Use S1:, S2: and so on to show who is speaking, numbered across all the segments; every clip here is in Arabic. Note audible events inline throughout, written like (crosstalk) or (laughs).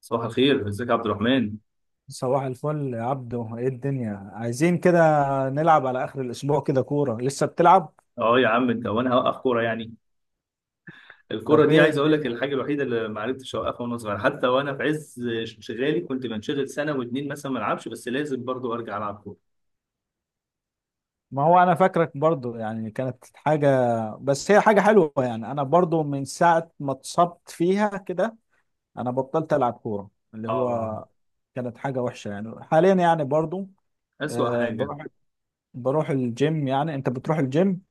S1: صباح الخير، ازيك يا عبد الرحمن؟
S2: صباح الفل يا عبدو، ايه الدنيا عايزين كده. نلعب على اخر الاسبوع كده كورة؟ لسه بتلعب؟
S1: اه يا عم انت، وانا هوقف كوره يعني؟ الكوره
S2: طب
S1: دي
S2: ايه
S1: عايز اقول لك
S2: الدنيا.
S1: الحاجه الوحيده اللي ما عرفتش اوقفها، وانا صغير حتى وانا في عز انشغالي كنت بنشغل سنه واتنين مثلا ما العبش، بس لازم برضو ارجع العب كوره.
S2: ما هو انا فاكرك برضو يعني كانت حاجة. بس هي حاجة حلوة يعني انا برضو من ساعة ما اتصبت فيها كده انا بطلت العب كورة اللي
S1: اه،
S2: هو كانت حاجة وحشة يعني حاليا يعني برضو.
S1: اسوأ
S2: آه،
S1: حاجه.
S2: بروح بروح الجيم. يعني انت بتروح الجيم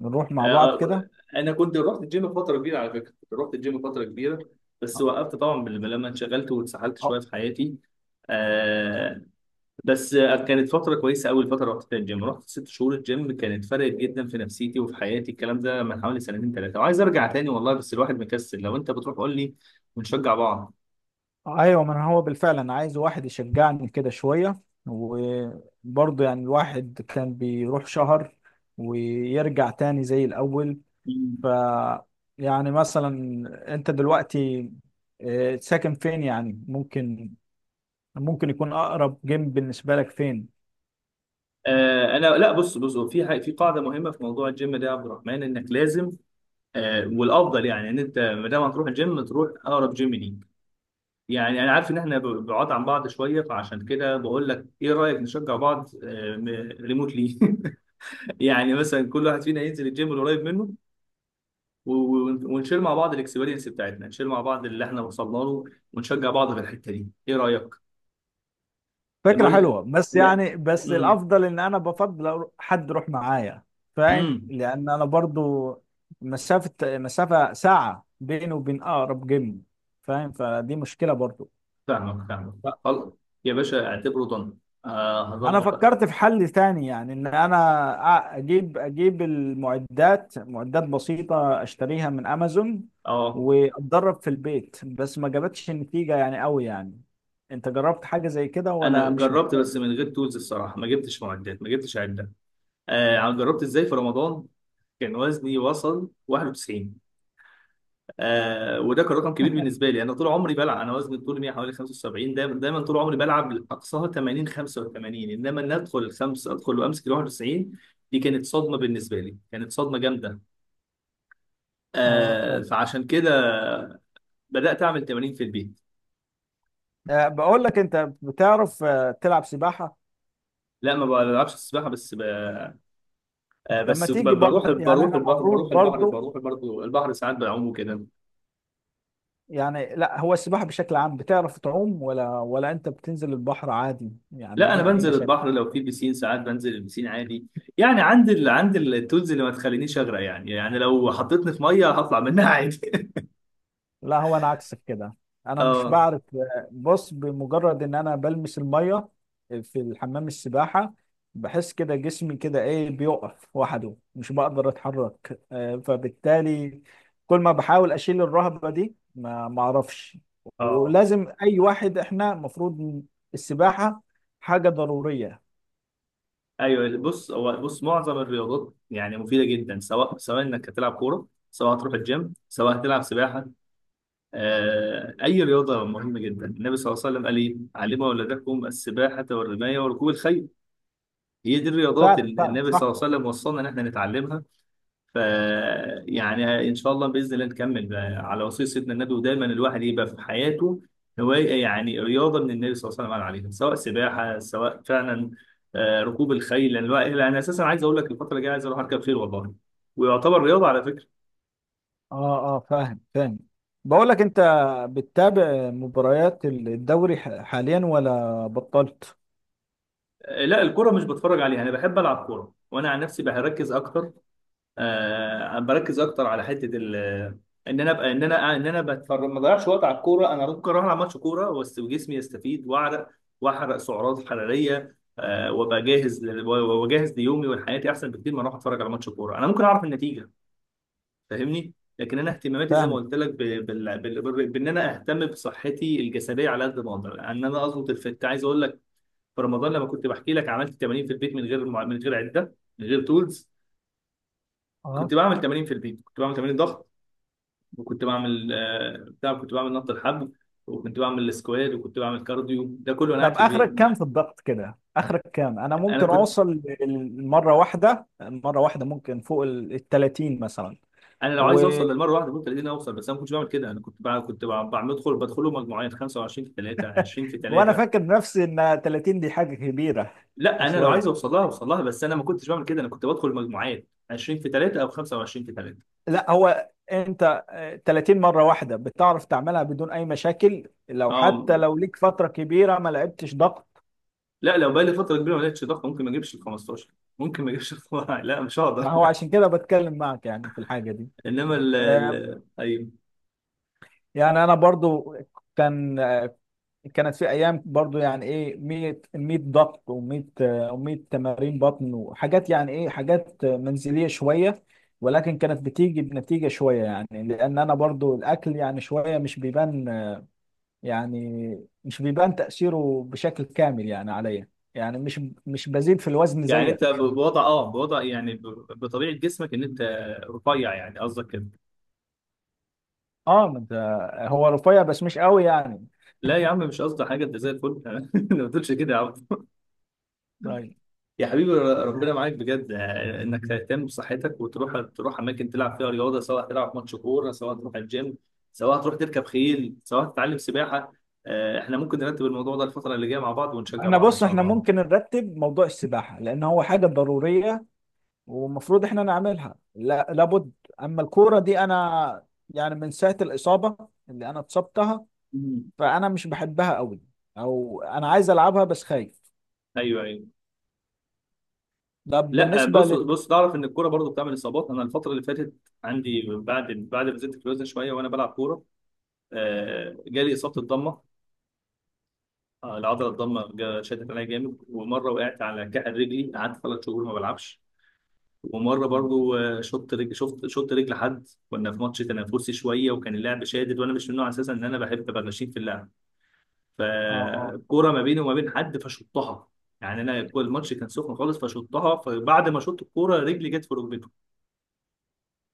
S2: نروح مع بعض
S1: آه
S2: كده.
S1: انا كنت رحت الجيم فتره كبيره، على فكره كنت رحت الجيم فتره كبيره. بس وقفت طبعا لما انشغلت واتسحلت شويه في حياتي. آه بس كانت فترة كويسة أوي الفترة رحت فيها الجيم، رحت ست شهور الجيم، كانت فرقت جدا في نفسيتي وفي حياتي. الكلام ده من حوالي سنتين ثلاثة، وعايز أرجع تاني والله، بس الواحد مكسل. لو أنت بتروح قول لي ونشجع بعض.
S2: ايوه، ما أنا هو بالفعل انا عايز واحد يشجعني كده شويه. وبرضه يعني الواحد كان بيروح شهر ويرجع تاني زي الاول.
S1: مم.
S2: ف يعني مثلا انت دلوقتي، ساكن فين؟ يعني ممكن يكون اقرب جيم بالنسبه لك فين؟
S1: أنا لا، بص، هو في في قاعدة مهمة في موضوع الجيم ده يا عبد الرحمن، إنك لازم والأفضل يعني إن أنت ما دام هتروح الجيم تروح أقرب جيم ليك. يعني أنا عارف إن إحنا بعاد عن بعض شوية، فعشان كده بقول لك إيه رأيك نشجع بعض. آه، ريموتلي (laughs) يعني مثلا كل واحد فينا ينزل الجيم القريب منه، ونشير مع بعض الاكسبيرينس بتاعتنا، نشير مع بعض اللي احنا وصلنا له ونشجع بعض في الحته دي، ايه رايك؟ لا
S2: فكرة
S1: بقول،
S2: حلوة، بس
S1: لا،
S2: يعني بس
S1: امم
S2: الأفضل إن أنا حد يروح معايا. فاهم،
S1: امم
S2: لأن أنا برضو مسافة ساعة بيني وبين أقرب جيم. فاهم، فدي مشكلة برضو.
S1: فاهمك، فاهمك.
S2: ف-
S1: خلاص يا باشا، اعتبره ضن. آه،
S2: أنا
S1: هظبط، اه.
S2: فكرت في حل تاني يعني إن أنا أجيب المعدات، معدات بسيطة أشتريها من أمازون
S1: آه.
S2: وأتدرب في البيت، بس ما جابتش نتيجة يعني قوي يعني. أنت جربت حاجة زي كده
S1: انا
S2: ولا مش
S1: جربت،
S2: محتاج؟
S1: بس من غير تولز الصراحه، ما جبتش معدات، ما جبتش عده. آه، جربت ازاي في رمضان. كان وزني وصل 91. آه، وده كان رقم كبير
S2: (laughs)
S1: بالنسبه لي. انا طول عمري بلعب، انا وزني طول 100 حوالي 75 دايما، دايما طول عمري بلعب اقصاها 80 85، انما ان ادخل الخمس، ادخل وامسك ال 91، دي كانت صدمه بالنسبه لي، كانت صدمه جامده.
S2: اه،
S1: آه،
S2: فاهم.
S1: فعشان كده بدات اعمل تمارين في البيت.
S2: بقول لك انت، بتعرف تلعب سباحة؟
S1: لا، ما بلعبش السباحه،
S2: طب ما
S1: بس ب-
S2: تيجي
S1: بروح
S2: برضو، يعني
S1: بروح
S2: احنا
S1: البحر،
S2: المفروض
S1: بروح البحر
S2: برضو.
S1: بروح برضه البحر، ساعات بعوم وكده.
S2: يعني لا، هو السباحة بشكل عام بتعرف تعوم ولا انت بتنزل البحر عادي يعني
S1: لا انا
S2: بدون اي
S1: بنزل
S2: مشاكل؟
S1: البحر، لو في بيسين ساعات بنزل البيسين عادي. يعني عندي التولز اللي ما تخلينيش اغرق يعني، يعني لو حطيتني في ميه هطلع منها عادي.
S2: لا هو انا عكسك كده،
S1: (laughs)
S2: انا مش
S1: اه،
S2: بعرف. بص، بمجرد ان انا بلمس الميه في الحمام السباحه بحس كده جسمي كده ايه بيقف وحده مش بقدر اتحرك. فبالتالي كل ما بحاول اشيل الرهبه دي ما اعرفش.
S1: اه.
S2: ولازم اي واحد، احنا المفروض السباحه حاجه ضروريه.
S1: ايوه بص، معظم الرياضات يعني مفيده جدا، سواء انك هتلعب كوره، سواء هتروح الجيم، سواء هتلعب سباحه. آه، اي رياضه مهمه جدا. النبي صلى الله عليه وسلم قال ايه: علموا اولادكم السباحه والرمايه وركوب الخيل. هي دي الرياضات
S2: فعلا
S1: اللي
S2: فعلا،
S1: النبي صلى
S2: صح.
S1: الله عليه وسلم وصلنا ان احنا نتعلمها. ف يعني ان شاء الله، باذن الله نكمل بقى على وصيه سيدنا النبي، ودايما الواحد يبقى في حياته هوايه، يعني رياضه من النبي صلى الله عليه وسلم عليها، سواء سباحه، سواء فعلا ركوب الخيل، لأن انا اساسا عايز اقول لك الفتره الجايه عايز اروح اركب خيل والله، ويعتبر رياضه على فكره.
S2: اه، اه، فاهم فاهم. بقول لك انت، بتتابع مباريات الدوري حاليا ولا بطلت؟
S1: لا، الكره مش بتفرج عليها، انا بحب العب كوره، وانا عن نفسي بركز اكتر، بركز اكتر على حته ال. ان انا ابقى، ان انا بتفرج، ما اضيعش وقت على الكوره، انا ممكن اروح العب ماتش كوره بس جسمي يستفيد واعرق واحرق سعرات حراريه، آه، وابقى جاهز وجاهز ليومي ولحياتي احسن بكتير ما اروح اتفرج على ماتش كوره، انا ممكن اعرف النتيجه، فاهمني؟ لكن انا اهتماماتي زي ما
S2: فاهمك.
S1: قلت لك ب... بال... بال... بال... بان انا اهتم بصحتي الجسديه على قد ما اقدر، ان انا اظبط الفت. عايز اقول لك، في رمضان لما كنت بحكي لك، عملت تمارين في البيت من غير من غير عده، من غير تولز.
S2: اه،
S1: كنت بعمل تمارين في البيت، كنت بعمل تمارين ضغط، وكنت بعمل آه، بتاع كنت بعمل نط الحبل، وكنت بعمل السكواد، وكنت بعمل كارديو، ده كله وانا
S2: طب
S1: قاعد في البيت.
S2: اخرك كام في الضغط كده؟ اخرك كام انا
S1: انا
S2: ممكن
S1: كنت
S2: اوصل؟ مره واحده، مره واحده ممكن فوق ال 30 مثلا؟
S1: انا لو
S2: و...
S1: عايز اوصل للمره واحده ممكن تلاقيني اوصل، بس انا ما كنتش بعمل كده. انا كنت بع- كنت بع- بعمل بدخل بدخله مجموعات: 25 في 3، 20 في
S2: وانا
S1: 3.
S2: فاكر نفسي ان 30 دي حاجه كبيره. (laughs)
S1: لا، انا لو عايز
S2: شويه.
S1: اوصل لها اوصل لها، بس انا ما كنتش بعمل كده. انا كنت بدخل مجموعات 20 في 3 او 25 في 3.
S2: لا هو انت، 30 مره واحده بتعرف تعملها بدون اي مشاكل، لو
S1: اه.
S2: حتى لو ليك فتره كبيره ما لعبتش ضغط؟
S1: لا لو بقى لي فتره كبيره ما لقيتش ضغط، ممكن ما اجيبش ال 15، ممكن ما اجيبش ال (laughs) 12. لا مش
S2: ما
S1: هقدر.
S2: هو عشان كده بتكلم معك يعني في الحاجه دي.
S1: (laughs) انما
S2: آه،
S1: ال-
S2: يعني انا برضو كان كانت في ايام برضو يعني ايه 100 100 ضغط و100 و100 تمارين بطن وحاجات، يعني ايه حاجات منزليه شويه، ولكن كانت بتيجي بنتيجه شويه يعني لان انا برضو الاكل يعني شويه مش بيبان. يعني مش بيبان تاثيره بشكل كامل يعني عليا. يعني مش بزيد في الوزن
S1: يعني انت
S2: زيك.
S1: بوضع يعني بطبيعه جسمك، ان انت رفيع يعني قصدك كده؟
S2: اه، ما انت هو رفيع بس مش قوي يعني.
S1: لا يا عم، مش قصدي حاجه، انت زي الفل. (laughs) أنا، ما تقولش كده يا عم.
S2: طيب.
S1: يا حبيبي ربنا معاك بجد، آه، انك تهتم بصحتك وتروح، تروح اماكن تلعب فيها رياضه، سواء تلعب ماتش كوره، سواء تروح الجيم، سواء تروح تركب خيل، سواء تتعلم سباحه. آه، احنا ممكن نرتب الموضوع ده الفتره اللي جايه مع بعض، ونشجع
S2: احنا
S1: بعض ان
S2: بص،
S1: شاء
S2: احنا
S1: الله.
S2: ممكن نرتب موضوع السباحه لان هو حاجه ضروريه والمفروض احنا نعملها، لا لابد. اما الكوره دي انا يعني من ساعه الاصابه اللي انا اتصبتها
S1: مم.
S2: فانا مش بحبها قوي، او انا عايز العبها بس خايف.
S1: ايوه، ايوه.
S2: ده
S1: لا
S2: بالنسبه
S1: بص
S2: لل
S1: بص تعرف ان الكوره برضو بتعمل اصابات؟ انا الفتره اللي فاتت، عندي بعد ما زدت في الوزن شويه وانا بلعب كوره، آه، جالي اصابه الضمه، آه، العضله الضمه شدت عليا جامد، ومره وقعت على كحل رجلي، قعدت ثلاث شهور ما بلعبش، ومره برضو آه، شط رجل، شفت شط رجل حد، كنا في ماتش تنافسي شويه، وكان اللعب شادد، وانا مش من النوع اساسا ان انا بحب ابقى غشيم في اللعب،
S2: اه.
S1: فكوره ما بيني وما بين حد فشطها، يعني انا الماتش كان سخن خالص فشطها، فبعد ما شطت الكوره رجلي جت في ركبته،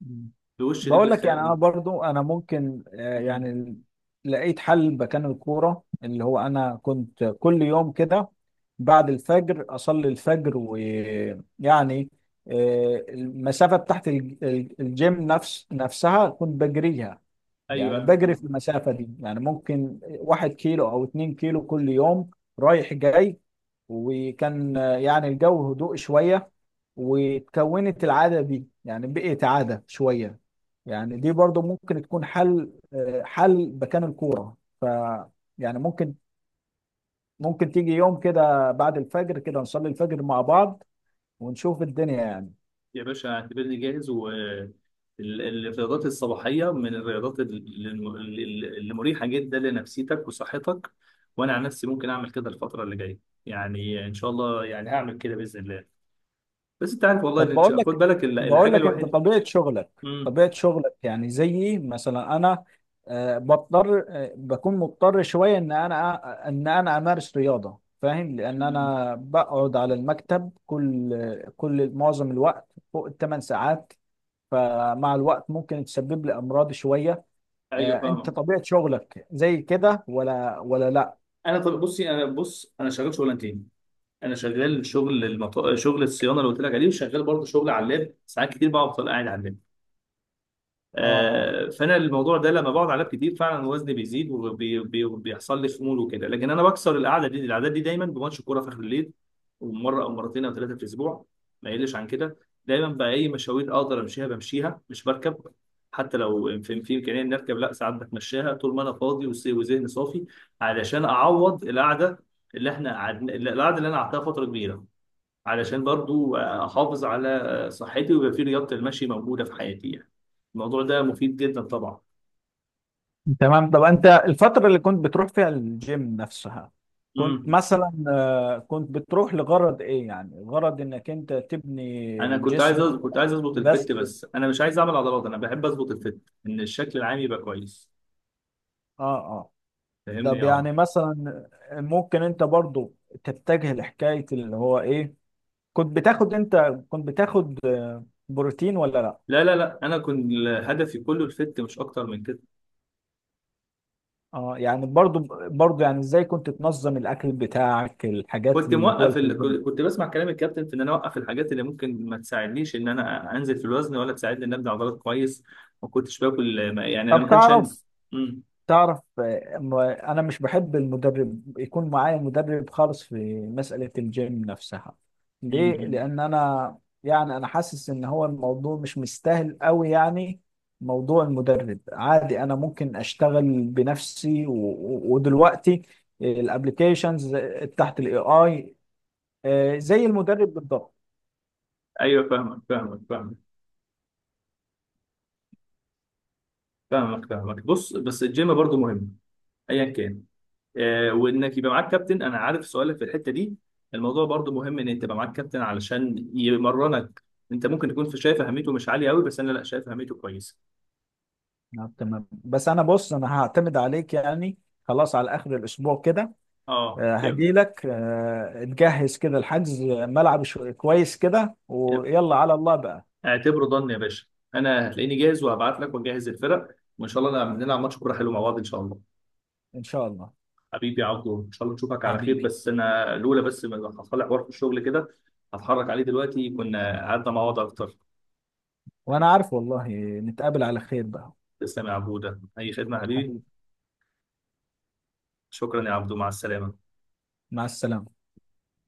S2: مم.
S1: في وش
S2: بقول
S1: رجلي
S2: لك يعني انا برضو انا ممكن،
S1: مم.
S2: لقيت حل مكان الكوره اللي هو انا كنت كل يوم كده بعد الفجر اصلي الفجر ويعني المسافه بتاعت الجيم نفسها كنت بجريها.
S1: ايوه،
S2: يعني بجري
S1: أيوة.
S2: في المسافة دي، يعني ممكن 1 كيلو أو 2 كيلو كل يوم، رايح جاي. وكان يعني الجو هدوء شوية، وتكونت العادة دي يعني بقيت عادة شوية. يعني دي برضو ممكن تكون حل، حل مكان الكورة. يعني ممكن تيجي يوم كده بعد الفجر كده نصلي الفجر مع بعض ونشوف الدنيا يعني.
S1: يا باشا اعتبرني جاهز، والرياضات الصباحية من الرياضات اللي مريحة جدا لنفسيتك وصحتك، وأنا عن نفسي ممكن أعمل كده الفترة اللي جاية، يعني إن شاء الله يعني هعمل كده بإذن الله. بس أنت عارف والله،
S2: طب،
S1: إن خد بالك
S2: بقول
S1: الحاجة
S2: لك انت،
S1: الوحيدة. امم.
S2: طبيعة شغلك يعني زيي مثلا انا، آه، بضطر آه، بكون مضطر شوية ان انا امارس رياضة، فاهم، لان انا بقعد على المكتب كل كل معظم الوقت فوق ال 8 ساعات، فمع الوقت ممكن تسبب لي امراض شوية.
S1: أيوه،
S2: انت
S1: فاهمة.
S2: طبيعة شغلك زي كده ولا لا؟
S1: أنا، طب بصي أنا شغال شغلانتين، أنا شغال شغل شغل الصيانة اللي قلت لك عليه، وشغال برضه شغل على اللاب ساعات كتير، بقعد أفضل قاعد على اللاب،
S2: اه، آه.
S1: آه، فانا الموضوع ده لما بقعد عليه كتير، فعلا وزني بيزيد، وبيحصل لي خمول وكده. لكن انا بكسر القعده دي، العادات دي، دايما بماتش كوره في اخر الليل، ومره او مرتين او ثلاثه في الاسبوع، ما يقلش عن كده. دايما بقى اي مشاوير اقدر امشيها بمشيها مش بركب، حتى لو في امكانيه اني اركب، لا، ساعات بتمشاها طول ما انا فاضي وذهني صافي، علشان اعوض القعده اللي انا قعدتها فتره كبيره، علشان برضو احافظ على صحتي، ويبقى في رياضة المشي موجودة في حياتي يعني. الموضوع ده مفيد جدا طبعا.
S2: تمام. طب انت الفترة اللي كنت بتروح فيها الجيم نفسها كنت
S1: امم.
S2: مثلا، كنت بتروح لغرض ايه؟ يعني غرض انك انت تبني
S1: انا كنت عايز
S2: جسم
S1: كنت عايز اظبط الفت،
S2: بس؟ اه،
S1: بس انا مش عايز اعمل عضلات، انا بحب اظبط الفت، ان الشكل العام يبقى كويس،
S2: اه.
S1: فاهمني
S2: طب
S1: يا عمر؟
S2: يعني مثلا ممكن انت برضو تتجه لحكاية اللي هو ايه، كنت بتاخد انت كنت بتاخد بروتين ولا لا؟
S1: لا، انا كنت، هدفي كله الفت، مش اكتر من كده.
S2: اه، يعني برضو يعني ازاي كنت تنظم الاكل بتاعك، الحاجات
S1: كنت
S2: اللي هو
S1: موقف
S2: اللي في
S1: ال...
S2: الجيم.
S1: كنت كنت بسمع كلام الكابتن في ان انا اوقف الحاجات اللي ممكن ما تساعدنيش ان انا انزل في الوزن، ولا تساعدني ان ابني عضلات كويس. ما كنتش باكل يعني انا
S2: طب
S1: ما كانش عندي.
S2: تعرف انا مش بحب المدرب يكون معايا، مدرب خالص في مسألة الجيم نفسها. ليه؟
S1: امم.
S2: لان انا يعني انا حاسس ان هو الموضوع مش مستاهل قوي يعني، موضوع المدرب عادي. انا ممكن اشتغل بنفسي، ودلوقتي الابليكيشنز تحت الاي اي زي المدرب بالضبط.
S1: ايوه، فاهمك بس الجيم برضو مهم ايا كان، آه، وانك يبقى معاك كابتن. انا عارف سؤالك في الحته دي، الموضوع برضو مهم ان انت تبقى معاك كابتن علشان يمرنك، انت ممكن تكون شايف اهميته مش عاليه قوي، بس انا لا، شايف اهميته كويسه.
S2: نعم، تمام. بس انا بص، انا هعتمد عليك يعني. خلاص، على اخر الاسبوع كده
S1: اه، يلا.
S2: هجي لك. تجهز كده الحجز، ملعب كويس كده،
S1: يلا.
S2: ويلا على الله بقى.
S1: اعتبره ضن يا باشا، انا هتلاقيني جاهز، وهبعت لك ونجهز الفرق، وان شاء الله نلعب ماتش كوره حلو مع بعض ان شاء الله.
S2: إن شاء الله.
S1: حبيبي يا عبدو، ان شاء الله نشوفك على خير،
S2: حبيبي.
S1: بس انا الاولى، بس حصل لي حوار في الشغل كده هتحرك عليه دلوقتي، كنا قعدنا مع بعض اكتر.
S2: وأنا عارف والله، نتقابل على خير بقى.
S1: تسلم يا عبودة، أي خدمة يا حبيبي.
S2: حبيبي.
S1: شكرا يا عبدو، مع السلامة.
S2: مع السلامة.